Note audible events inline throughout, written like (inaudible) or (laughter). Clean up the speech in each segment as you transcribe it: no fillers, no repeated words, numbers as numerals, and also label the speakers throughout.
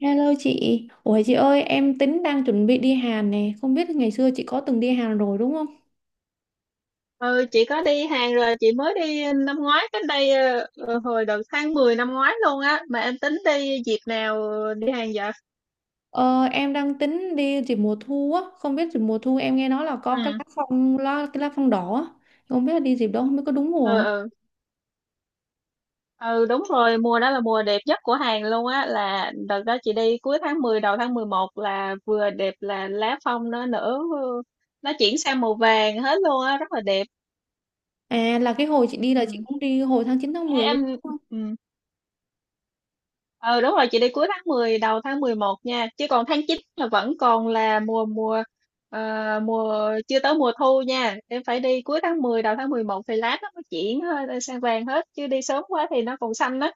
Speaker 1: Hello chị, ủa chị ơi em tính đang chuẩn bị đi Hàn nè, không biết ngày xưa chị có từng đi Hàn rồi đúng không?
Speaker 2: Ừ, chị có đi Hàn rồi, chị mới đi năm ngoái, cách đây hồi đầu tháng 10 năm ngoái luôn á. Mà em tính đi dịp nào đi Hàn vậy?
Speaker 1: Ờ, em đang tính đi dịp mùa thu á, không biết dịp mùa thu em nghe nói là có cái
Speaker 2: Ừ,
Speaker 1: cái lá phong đỏ á, không biết là đi dịp đó không biết có đúng mùa
Speaker 2: ừ,
Speaker 1: không?
Speaker 2: ừ, ừ đúng rồi, mùa đó là mùa đẹp nhất của Hàn luôn á, là đợt đó chị đi cuối tháng 10 đầu tháng 11 là vừa đẹp, là lá phong nó nở, nó chuyển sang màu vàng hết luôn á, rất là đẹp.
Speaker 1: À là cái hồi chị đi là chị
Speaker 2: Ừ.
Speaker 1: cũng đi hồi tháng 9 tháng
Speaker 2: Thế
Speaker 1: 10 luôn.
Speaker 2: Em Ừ. Ờ đúng rồi, chị đi cuối tháng 10 đầu tháng 11 nha, chứ còn tháng 9 là vẫn còn là mùa mùa ờ, mùa chưa tới mùa thu nha. Em phải đi cuối tháng 10 đầu tháng 11 thì lát nó mới chuyển sang vàng hết, chứ đi sớm quá thì nó còn xanh đó.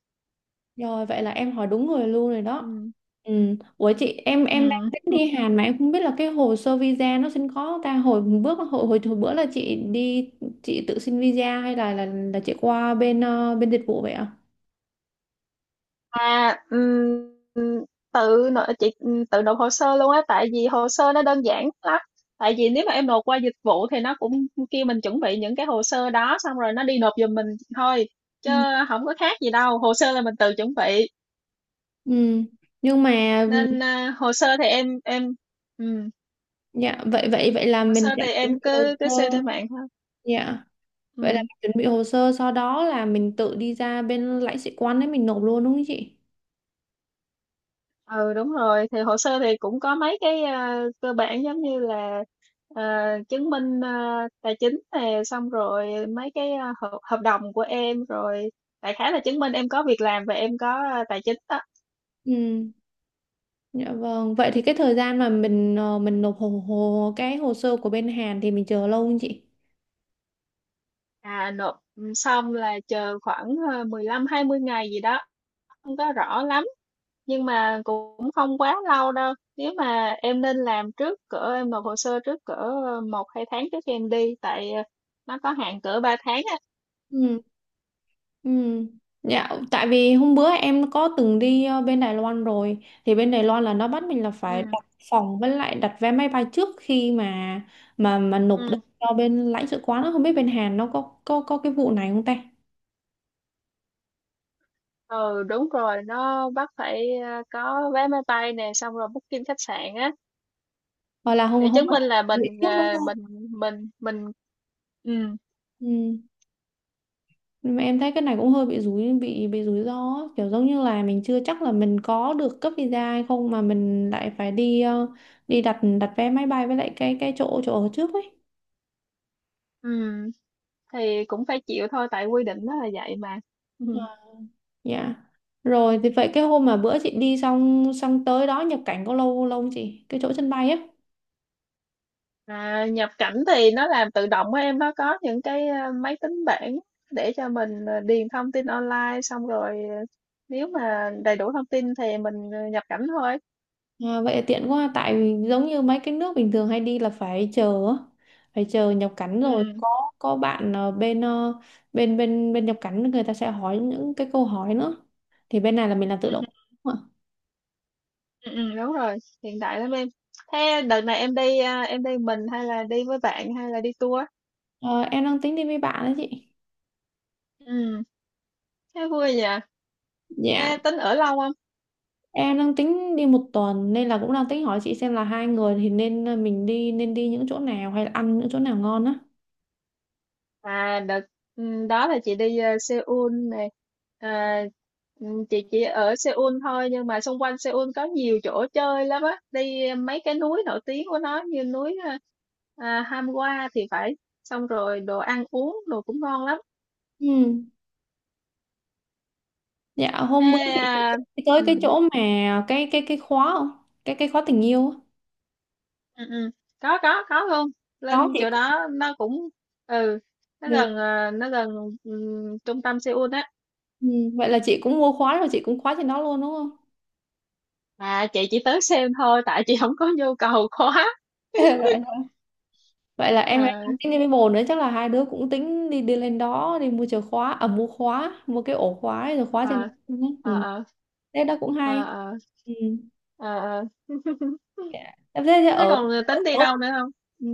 Speaker 1: Rồi vậy là em hỏi đúng người luôn rồi đó.
Speaker 2: Ừ.
Speaker 1: Ừ. Ủa chị em
Speaker 2: Ừ.
Speaker 1: em đang tính đi Hàn mà em không biết là cái hồ sơ visa nó xin khó không ta, hồi bước hồi, hồi hồi bữa là chị đi chị tự xin visa hay là chị qua bên dịch vụ vậy ạ?
Speaker 2: À ừm, tự nộp chị, tự nộp hồ sơ luôn á, tại vì hồ sơ nó đơn giản lắm. Tại vì nếu mà em nộp qua dịch vụ thì nó cũng kêu mình chuẩn bị những cái hồ sơ đó, xong rồi nó đi nộp giùm mình thôi, chứ
Speaker 1: Ừ.
Speaker 2: không có khác gì đâu, hồ sơ là mình tự chuẩn bị
Speaker 1: Ừ. Nhưng mà
Speaker 2: nên hồ sơ thì em ừ,
Speaker 1: dạ vậy vậy vậy là
Speaker 2: hồ
Speaker 1: mình
Speaker 2: sơ
Speaker 1: sẽ
Speaker 2: thì
Speaker 1: chuẩn
Speaker 2: em
Speaker 1: bị hồ
Speaker 2: cứ cứ xem trên
Speaker 1: sơ.
Speaker 2: mạng thôi.
Speaker 1: Dạ. Vậy là
Speaker 2: Ừ.
Speaker 1: mình chuẩn bị hồ sơ sau đó là mình tự đi ra bên lãnh sự quán đấy mình nộp luôn đúng không chị?
Speaker 2: Ừ đúng rồi, thì hồ sơ thì cũng có mấy cái cơ bản giống như là chứng minh tài chính nè, xong rồi mấy cái hợp đồng của em rồi, đại khái là chứng minh em có việc làm và em có tài chính đó.
Speaker 1: Ừ. Dạ vâng, vậy thì cái thời gian mà mình nộp hồ, hồ cái hồ sơ của bên Hàn thì mình chờ lâu không chị?
Speaker 2: Xong là chờ khoảng 15 20 ngày gì đó, không có rõ lắm nhưng mà cũng không quá lâu đâu. Nếu mà em nên làm trước cỡ, em nộp hồ sơ trước cỡ một hai tháng trước khi em đi, tại nó có hạn cỡ 3 tháng á.
Speaker 1: Ừ. Ừ. Dạ, tại vì hôm bữa em có từng đi bên Đài Loan rồi thì bên Đài Loan là nó bắt mình là phải
Speaker 2: Ừ.
Speaker 1: đặt phòng với lại đặt vé máy bay trước khi mà nộp đơn
Speaker 2: Ừ.
Speaker 1: cho bên lãnh sự quán, nó không biết bên Hàn nó có cái vụ này không ta?
Speaker 2: Ừ đúng rồi, nó bắt phải có vé máy bay nè, xong rồi booking khách sạn á,
Speaker 1: Hoặc là hôm
Speaker 2: để
Speaker 1: hôm
Speaker 2: chứng
Speaker 1: bữa
Speaker 2: minh
Speaker 1: là
Speaker 2: là
Speaker 1: chuẩn bị
Speaker 2: mình
Speaker 1: trước đúng
Speaker 2: ờ,
Speaker 1: không?
Speaker 2: mình mình. Ừ.
Speaker 1: Ừ. Nhưng mà em thấy cái này cũng hơi bị rủi ro á, kiểu giống như là mình chưa chắc là mình có được cấp visa hay không mà mình lại phải đi đặt đặt vé máy bay với lại cái chỗ chỗ ở trước ấy.
Speaker 2: Ừ, thì cũng phải chịu thôi, tại quy định nó là vậy mà. Ừ.
Speaker 1: Dạ. Rồi thì vậy cái hôm mà bữa chị đi xong xong tới đó nhập cảnh có lâu lâu không chị, cái chỗ sân bay á?
Speaker 2: À, nhập cảnh thì nó làm tự động á em, nó có những cái máy tính bảng để cho mình điền thông tin online, xong rồi nếu mà đầy đủ thông tin thì mình nhập cảnh thôi.
Speaker 1: À, vậy là tiện quá tại vì giống như mấy cái nước bình thường hay đi là phải chờ á, phải chờ nhập cảnh rồi
Speaker 2: Ừ,
Speaker 1: có bạn ờ, bên bên bên nhập cảnh người ta sẽ hỏi những cái câu hỏi nữa, thì bên này là mình làm
Speaker 2: ừ,
Speaker 1: tự động.
Speaker 2: ừ,
Speaker 1: Đúng ạ.
Speaker 2: ừ, ừ, đúng rồi, hiện đại lắm em. Thế đợt này em đi em đi mình hay là đi với bạn hay là đi tour?
Speaker 1: Ờ, em đang tính đi với bạn đấy chị.
Speaker 2: Ừ, thế vui nhỉ.
Speaker 1: Dạ
Speaker 2: Thế tính ở lâu không?
Speaker 1: em đang tính đi 1 tuần nên là cũng đang tính hỏi chị xem là hai người thì mình đi nên đi những chỗ nào hay là ăn những chỗ nào ngon á.
Speaker 2: À đợt Đó là chị đi Seoul này. À, ừ, chị chỉ ở Seoul thôi, nhưng mà xung quanh Seoul có nhiều chỗ chơi lắm á. Đi mấy cái núi nổi tiếng của nó, như núi Hamgua thì phải. Xong rồi đồ ăn uống đồ cũng ngon lắm.
Speaker 1: Ừ. Dạ hôm bữa
Speaker 2: Ê,
Speaker 1: chị sẽ
Speaker 2: à,
Speaker 1: đi tới
Speaker 2: ừ,
Speaker 1: cái chỗ mà cái khóa không, cái khóa tình yêu á,
Speaker 2: ừ, ừ. Có luôn.
Speaker 1: đó
Speaker 2: Lên
Speaker 1: chị.
Speaker 2: chỗ đó nó cũng ừ nó gần, ừ, trung tâm Seoul á.
Speaker 1: Ừ, vậy là chị cũng mua khóa rồi chị cũng khóa trên đó luôn đúng không?
Speaker 2: Mà chị chỉ tới xem thôi, tại chị không có nhu cầu quá.
Speaker 1: (laughs) Vậy, vậy là
Speaker 2: Ờ.
Speaker 1: em đang tính đi với bồ nữa chắc là hai đứa cũng tính đi đi lên đó đi mua chìa khóa, à, mua khóa, mua cái ổ khóa ấy, rồi khóa trên
Speaker 2: Ờ,
Speaker 1: đó luôn á. Ừ.
Speaker 2: ờ, ờ,
Speaker 1: Thế đó cũng hay.
Speaker 2: ờ, ờ,
Speaker 1: Ừ.
Speaker 2: ờ, ờ. (laughs)
Speaker 1: Dạ. Thế thế
Speaker 2: Thế
Speaker 1: ở,
Speaker 2: còn tính đi
Speaker 1: ở
Speaker 2: đâu nữa không? Ừ.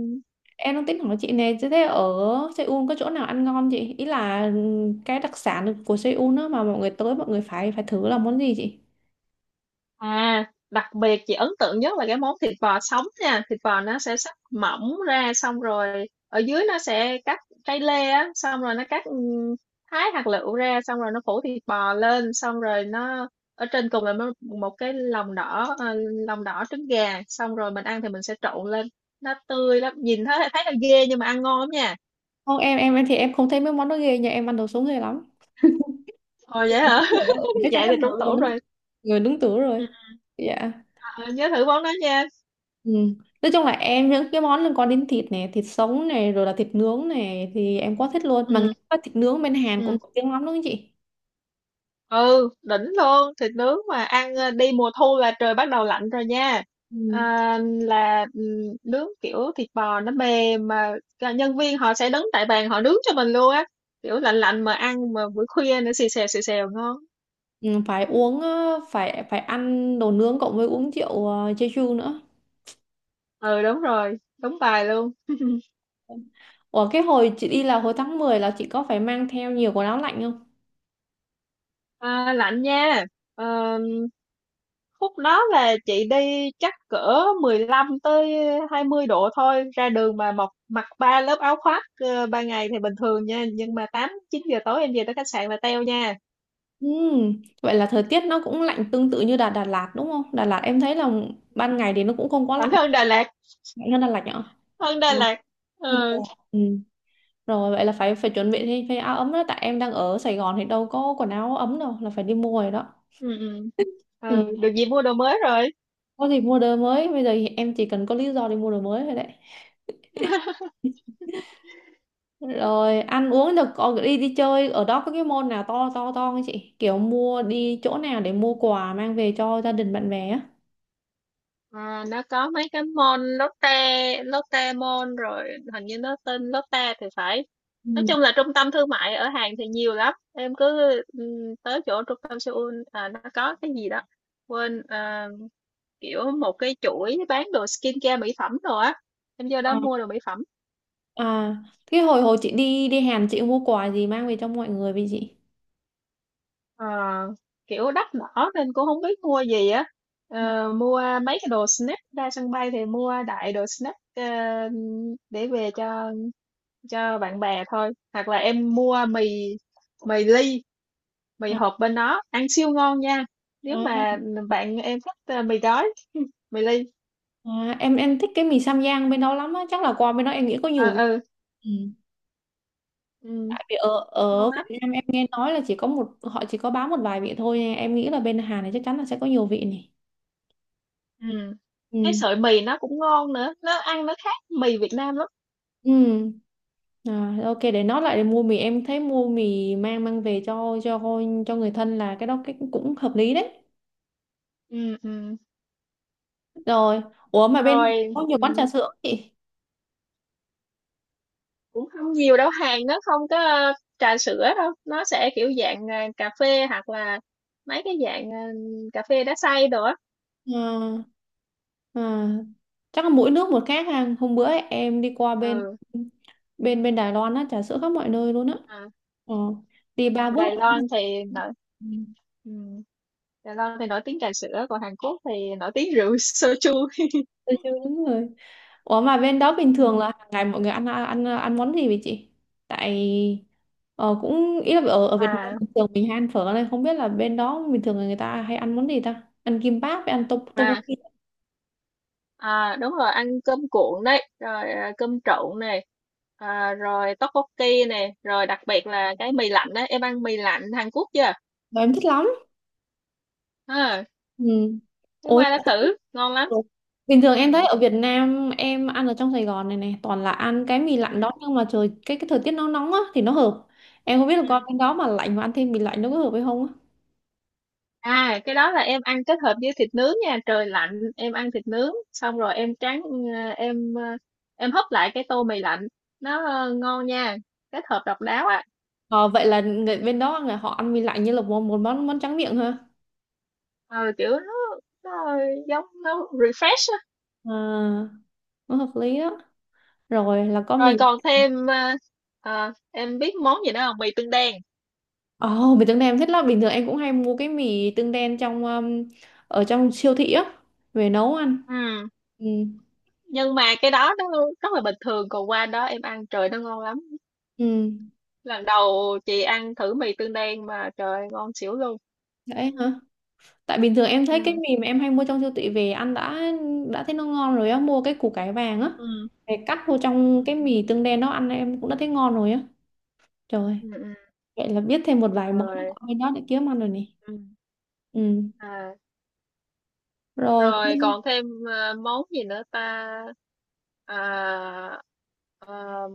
Speaker 1: em đang tính hỏi chị nè, thế thế ở Seoul có chỗ nào ăn ngon chị? Ý là cái đặc sản của Seoul đó mà mọi người tới mọi người phải phải thử là món gì chị?
Speaker 2: À, đặc biệt chị ấn tượng nhất là cái món thịt bò sống nha. Thịt bò nó sẽ sắc mỏng ra, xong rồi ở dưới nó sẽ cắt cây lê á, xong rồi nó cắt thái hạt lựu ra, xong rồi nó phủ thịt bò lên, xong rồi nó ở trên cùng là một cái lòng đỏ, lòng đỏ trứng gà, xong rồi mình ăn thì mình sẽ trộn lên. Nó tươi lắm, nhìn thấy thấy là ghê nhưng mà ăn ngon lắm nha.
Speaker 1: Không, em thì em không thấy mấy món đó ghê nha, em ăn đồ sống ghê lắm.
Speaker 2: Ồ,
Speaker 1: Thì
Speaker 2: vậy hả?
Speaker 1: hết rồi đó,
Speaker 2: (laughs)
Speaker 1: chắc chắn
Speaker 2: Vậy
Speaker 1: là
Speaker 2: thì trúng
Speaker 1: hợp
Speaker 2: tủ rồi.
Speaker 1: người đúng tuổi
Speaker 2: Ừ,
Speaker 1: rồi. Dạ.
Speaker 2: ờ, nhớ thử món đó nha.
Speaker 1: Ừ. Nói chung là em những cái món liên quan đến thịt này, thịt sống này, rồi là thịt nướng này thì em quá thích luôn, mà nghe
Speaker 2: Ừ,
Speaker 1: nói thịt nướng bên Hàn cũng
Speaker 2: ừ.
Speaker 1: nổi tiếng lắm đúng không chị?
Speaker 2: Ừ, đỉnh luôn. Thịt nướng mà ăn đi mùa thu là trời bắt đầu lạnh rồi nha.
Speaker 1: Ừ.
Speaker 2: À, là ừ, Nướng kiểu thịt bò nó mềm, mà cả nhân viên họ sẽ đứng tại bàn họ nướng cho mình luôn á. Kiểu lạnh lạnh mà ăn mà buổi khuya nữa, xì xèo ngon.
Speaker 1: Ừ, phải uống ờ, phải phải ăn đồ nướng cộng với uống rượu Jeju nữa.
Speaker 2: Ừ, đúng rồi. Đúng bài luôn.
Speaker 1: Ủa cái hồi chị đi là hồi tháng 10 là chị có phải mang theo nhiều quần áo lạnh không?
Speaker 2: À, lạnh nha. Ờ, khúc đó là chị đi chắc cỡ 15 tới 20 độ thôi, ra đường mà mặc mặc ba lớp áo khoác. Ờ, Ban ngày thì bình thường nha, nhưng mà 8 9 giờ tối em về tới khách sạn là teo nha.
Speaker 1: Ừ. Vậy là thời tiết nó cũng lạnh tương tự như Đà Đà Lạt đúng không, Đà Lạt em thấy là ban ngày thì nó cũng không quá
Speaker 2: Còn
Speaker 1: lạnh,
Speaker 2: hơn Đà Lạt,
Speaker 1: lạnh hơn Đà Lạt nhở?
Speaker 2: hơn Đà
Speaker 1: Ừ,
Speaker 2: Lạt.
Speaker 1: hơn Đà
Speaker 2: Ừ,
Speaker 1: Lạt. Ừ. Rồi vậy là phải phải chuẩn bị thêm thay áo ấm đó, tại em đang ở Sài Gòn thì đâu có quần áo ấm đâu, là phải đi mua rồi đó.
Speaker 2: ừ, ừ.
Speaker 1: Ừ.
Speaker 2: Ừ, được gì mua đồ mới rồi.
Speaker 1: Có gì mua đồ mới, bây giờ thì em chỉ cần có lý do để mua đồ mới thôi đấy.
Speaker 2: (laughs)
Speaker 1: Rồi ăn uống được, còn đi đi chơi ở đó có cái mall nào to to to không chị? Kiểu mua, đi chỗ nào để mua quà mang về cho gia đình bạn bè á?
Speaker 2: À, nó có mấy cái môn Lotte, Lotte Mall rồi, hình như nó tên Lotte thì phải. Nói
Speaker 1: Ừ.
Speaker 2: chung là trung tâm thương mại ở Hàn thì nhiều lắm. Em cứ tới chỗ trung tâm Seoul à, nó có cái gì đó. Quên à, kiểu một cái chuỗi bán đồ skincare mỹ phẩm rồi á. Em vô đó
Speaker 1: À,
Speaker 2: mua đồ mỹ phẩm.
Speaker 1: à, cái hồi hồi chị đi đi Hàn chị mua quà gì mang về cho mọi người vậy chị?
Speaker 2: Ờ, kiểu đắt đỏ nên cũng không biết mua gì á.
Speaker 1: Ừ.
Speaker 2: Ờ, mua mấy cái đồ snack, ra sân bay thì mua đại đồ snack để về cho bạn bè thôi, hoặc là em mua mì mì ly, mì
Speaker 1: À,
Speaker 2: hộp bên đó ăn siêu ngon nha. Nếu
Speaker 1: à,
Speaker 2: mà bạn em thích mì gói, mì ly.
Speaker 1: em thích cái mì Sam Giang bên đó lắm á, chắc là quà bên đó em nghĩ có
Speaker 2: Ờ
Speaker 1: nhiều vị.
Speaker 2: ừ,
Speaker 1: Ừ.
Speaker 2: ừ,
Speaker 1: Vì ở
Speaker 2: ngon
Speaker 1: ở
Speaker 2: lắm.
Speaker 1: Việt Nam em nghe nói là chỉ có một họ chỉ có bán một vài vị thôi nên em nghĩ là bên Hàn này chắc chắn là sẽ có nhiều vị này.
Speaker 2: Ừ, cái
Speaker 1: Ừ.
Speaker 2: sợi mì nó cũng ngon nữa, nó ăn nó khác mì Việt Nam lắm.
Speaker 1: Ừ. À, ok để nói lại, để mua mì, em thấy mua mì mang mang về cho người thân là cái đó, cái cũng hợp lý đấy.
Speaker 2: Ừ. Ừ.
Speaker 1: Rồi ủa mà bên Hàn
Speaker 2: Rồi.
Speaker 1: có nhiều quán
Speaker 2: Ừ.
Speaker 1: trà sữa không chị?
Speaker 2: Cũng không nhiều đâu, hàng nó không có trà sữa đâu, nó sẽ kiểu dạng cà phê, hoặc là mấy cái dạng cà phê đá xay đồ á.
Speaker 1: à, à, chắc là mỗi nước một khác ha, hôm bữa em đi qua bên
Speaker 2: Ừ.
Speaker 1: bên bên Đài Loan á, trà sữa khắp mọi nơi luôn á,
Speaker 2: À.
Speaker 1: ờ, đi ba bước
Speaker 2: Đài
Speaker 1: là có
Speaker 2: Loan thì nở.
Speaker 1: một.
Speaker 2: Ừ. Đài Loan thì nổi tiếng trà sữa, còn Hàn Quốc thì nổi tiếng rượu soju. (laughs)
Speaker 1: Tôi chưa đúng rồi. Ủa mà bên đó bình thường là
Speaker 2: Ừ.
Speaker 1: hàng ngày mọi người ăn ăn ăn món gì vậy chị? Tại ờ, cũng ý là ở ở Việt Nam
Speaker 2: Mà
Speaker 1: bình thường mình hay ăn phở này, không biết là bên đó bình thường là người ta hay ăn món gì ta? Ăn kim báp với ăn
Speaker 2: mà
Speaker 1: tteokbokki.
Speaker 2: à, đúng rồi, ăn cơm cuộn đấy, rồi à, cơm trộn này, à, rồi tteokbokki này, rồi đặc biệt là cái mì lạnh á. Em ăn mì lạnh Hàn Quốc chưa?
Speaker 1: Và em thích lắm.
Speaker 2: À,
Speaker 1: Ừ.
Speaker 2: cái
Speaker 1: Ôi.
Speaker 2: qua đã thử, ngon lắm.
Speaker 1: Ừ. Bình thường
Speaker 2: Ừ,
Speaker 1: em thấy ở Việt Nam em ăn ở trong Sài Gòn này này toàn là ăn cái mì lạnh
Speaker 2: ừ,
Speaker 1: đó, nhưng mà trời, cái thời tiết nó nóng á thì nó hợp. Em không biết là
Speaker 2: ừ.
Speaker 1: con bên đó mà lạnh mà ăn thêm mì lạnh nó có hợp hay không.
Speaker 2: À, cái đó là em ăn kết hợp với thịt nướng nha, trời lạnh em ăn thịt nướng xong rồi em tráng ờ, em hấp lại cái tô mì lạnh. Nó ngon nha, kết hợp độc đáo á.
Speaker 1: Ờ, vậy là người bên đó người họ ăn mì lạnh như là một món món tráng miệng ha.
Speaker 2: Ờ Kiểu nó giống, nó refresh á.
Speaker 1: À, nó hợp lý đó. Rồi là có
Speaker 2: Rồi
Speaker 1: mì.
Speaker 2: còn thêm em biết món gì nữa không? Mì tương đen.
Speaker 1: Ồ, mì tương đen em thích lắm. Bình thường em cũng hay mua cái mì tương đen trong ở trong siêu thị á về nấu ăn.
Speaker 2: Ừ.
Speaker 1: Ừ.
Speaker 2: Nhưng mà cái đó nó rất là bình thường, còn qua đó em ăn trời nó ngon lắm.
Speaker 1: Ừ.
Speaker 2: Lần đầu chị ăn thử mì tương đen mà trời ơi, ngon xỉu luôn.
Speaker 1: Đấy hả? Tại bình thường em thấy cái
Speaker 2: Ừ.
Speaker 1: mì mà em hay mua trong siêu thị về ăn đã thấy nó ngon rồi á, mua cái củ cải vàng á.
Speaker 2: Ừ.
Speaker 1: Để cắt vô trong
Speaker 2: Ừ,
Speaker 1: cái mì tương đen đó ăn em cũng đã thấy ngon rồi á. Trời,
Speaker 2: ừ.
Speaker 1: vậy là biết thêm một vài món
Speaker 2: Rồi.
Speaker 1: ở bên đó để kiếm ăn rồi nè.
Speaker 2: Ừ.
Speaker 1: Ừ.
Speaker 2: à,
Speaker 1: Rồi
Speaker 2: Rồi
Speaker 1: không,
Speaker 2: còn thêm món gì nữa ta? à, ờ,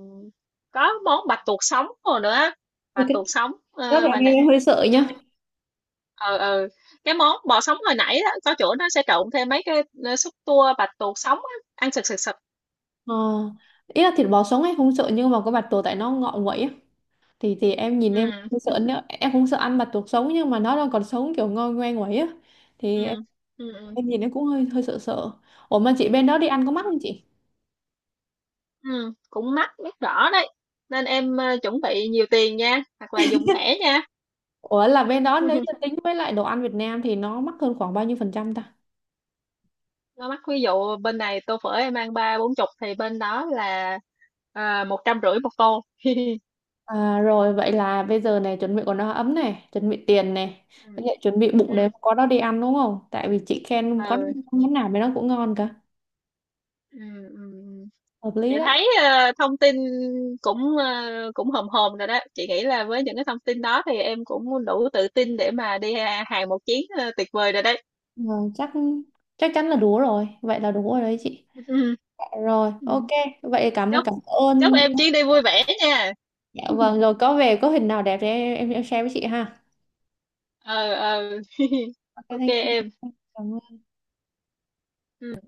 Speaker 2: có món bạch tuộc sống rồi nữa á.
Speaker 1: thì
Speaker 2: Bạch
Speaker 1: cái
Speaker 2: tuộc sống,
Speaker 1: đó thì em
Speaker 2: hồi
Speaker 1: em
Speaker 2: nãy
Speaker 1: em hơi sợ
Speaker 2: chung,
Speaker 1: nhá.
Speaker 2: ờ ờ cái món bò sống hồi nãy đó có chỗ nó sẽ trộn thêm mấy cái xúc tua bạch tuộc sống á, ăn sực sực sực.
Speaker 1: Ờ. Ý là thịt bò sống em không sợ, nhưng mà cái bạch tuộc, tại nó ngọ nguậy á, thì em nhìn em
Speaker 2: Ừ.
Speaker 1: không sợ nữa, em không sợ ăn bạch tuộc sống nhưng mà nó đang còn sống kiểu ngoi ngoe nguậy á, thì
Speaker 2: Ừ.
Speaker 1: em
Speaker 2: Ừ. Ừ.
Speaker 1: em nhìn em cũng hơi hơi sợ sợ. Ủa mà chị bên đó đi ăn có mắc không chị?
Speaker 2: Ừ. Cũng mắc biết rõ đấy, nên em chuẩn bị nhiều tiền nha, hoặc là dùng thẻ nha.
Speaker 1: Ủa là bên đó nếu như
Speaker 2: (laughs)
Speaker 1: tính với lại đồ ăn Việt Nam thì nó mắc hơn khoảng bao nhiêu phần trăm ta?
Speaker 2: Nó mắc, ví dụ bên này tô phở em ăn ba bốn chục thì bên đó là 150 một tô.
Speaker 1: À, rồi vậy là bây giờ này chuẩn bị quần áo ấm này, chuẩn bị tiền này,
Speaker 2: Ừ.
Speaker 1: với lại chuẩn bị
Speaker 2: Ừ.
Speaker 1: bụng để có đó đi ăn đúng không, tại vì chị khen có
Speaker 2: Ừ.
Speaker 1: món nào mà nó cũng ngon cả.
Speaker 2: Ừ. Ừ. Ừ.
Speaker 1: Hợp
Speaker 2: Chị
Speaker 1: lý đấy.
Speaker 2: thấy thông tin cũng cũng hòm hòm rồi đó. Chị nghĩ là với những cái thông tin đó thì em cũng đủ tự tin để mà đi hàng một chuyến, tuyệt vời rồi đấy.
Speaker 1: Ờ, chắc chắc chắn là đủ rồi, vậy là đủ rồi đấy chị.
Speaker 2: Ừ.
Speaker 1: Dạ, rồi ok,
Speaker 2: Ừ.
Speaker 1: vậy cảm ơn
Speaker 2: chúc
Speaker 1: cảm
Speaker 2: Chúc
Speaker 1: ơn.
Speaker 2: em chuyến đi vui vẻ nha.
Speaker 1: Dạ
Speaker 2: (laughs)
Speaker 1: vâng, rồi có về có hình nào đẹp thì em share với chị ha.
Speaker 2: ờ ờ (laughs)
Speaker 1: Ok,
Speaker 2: OK
Speaker 1: thank you.
Speaker 2: em.
Speaker 1: Cảm ơn.
Speaker 2: Ừ.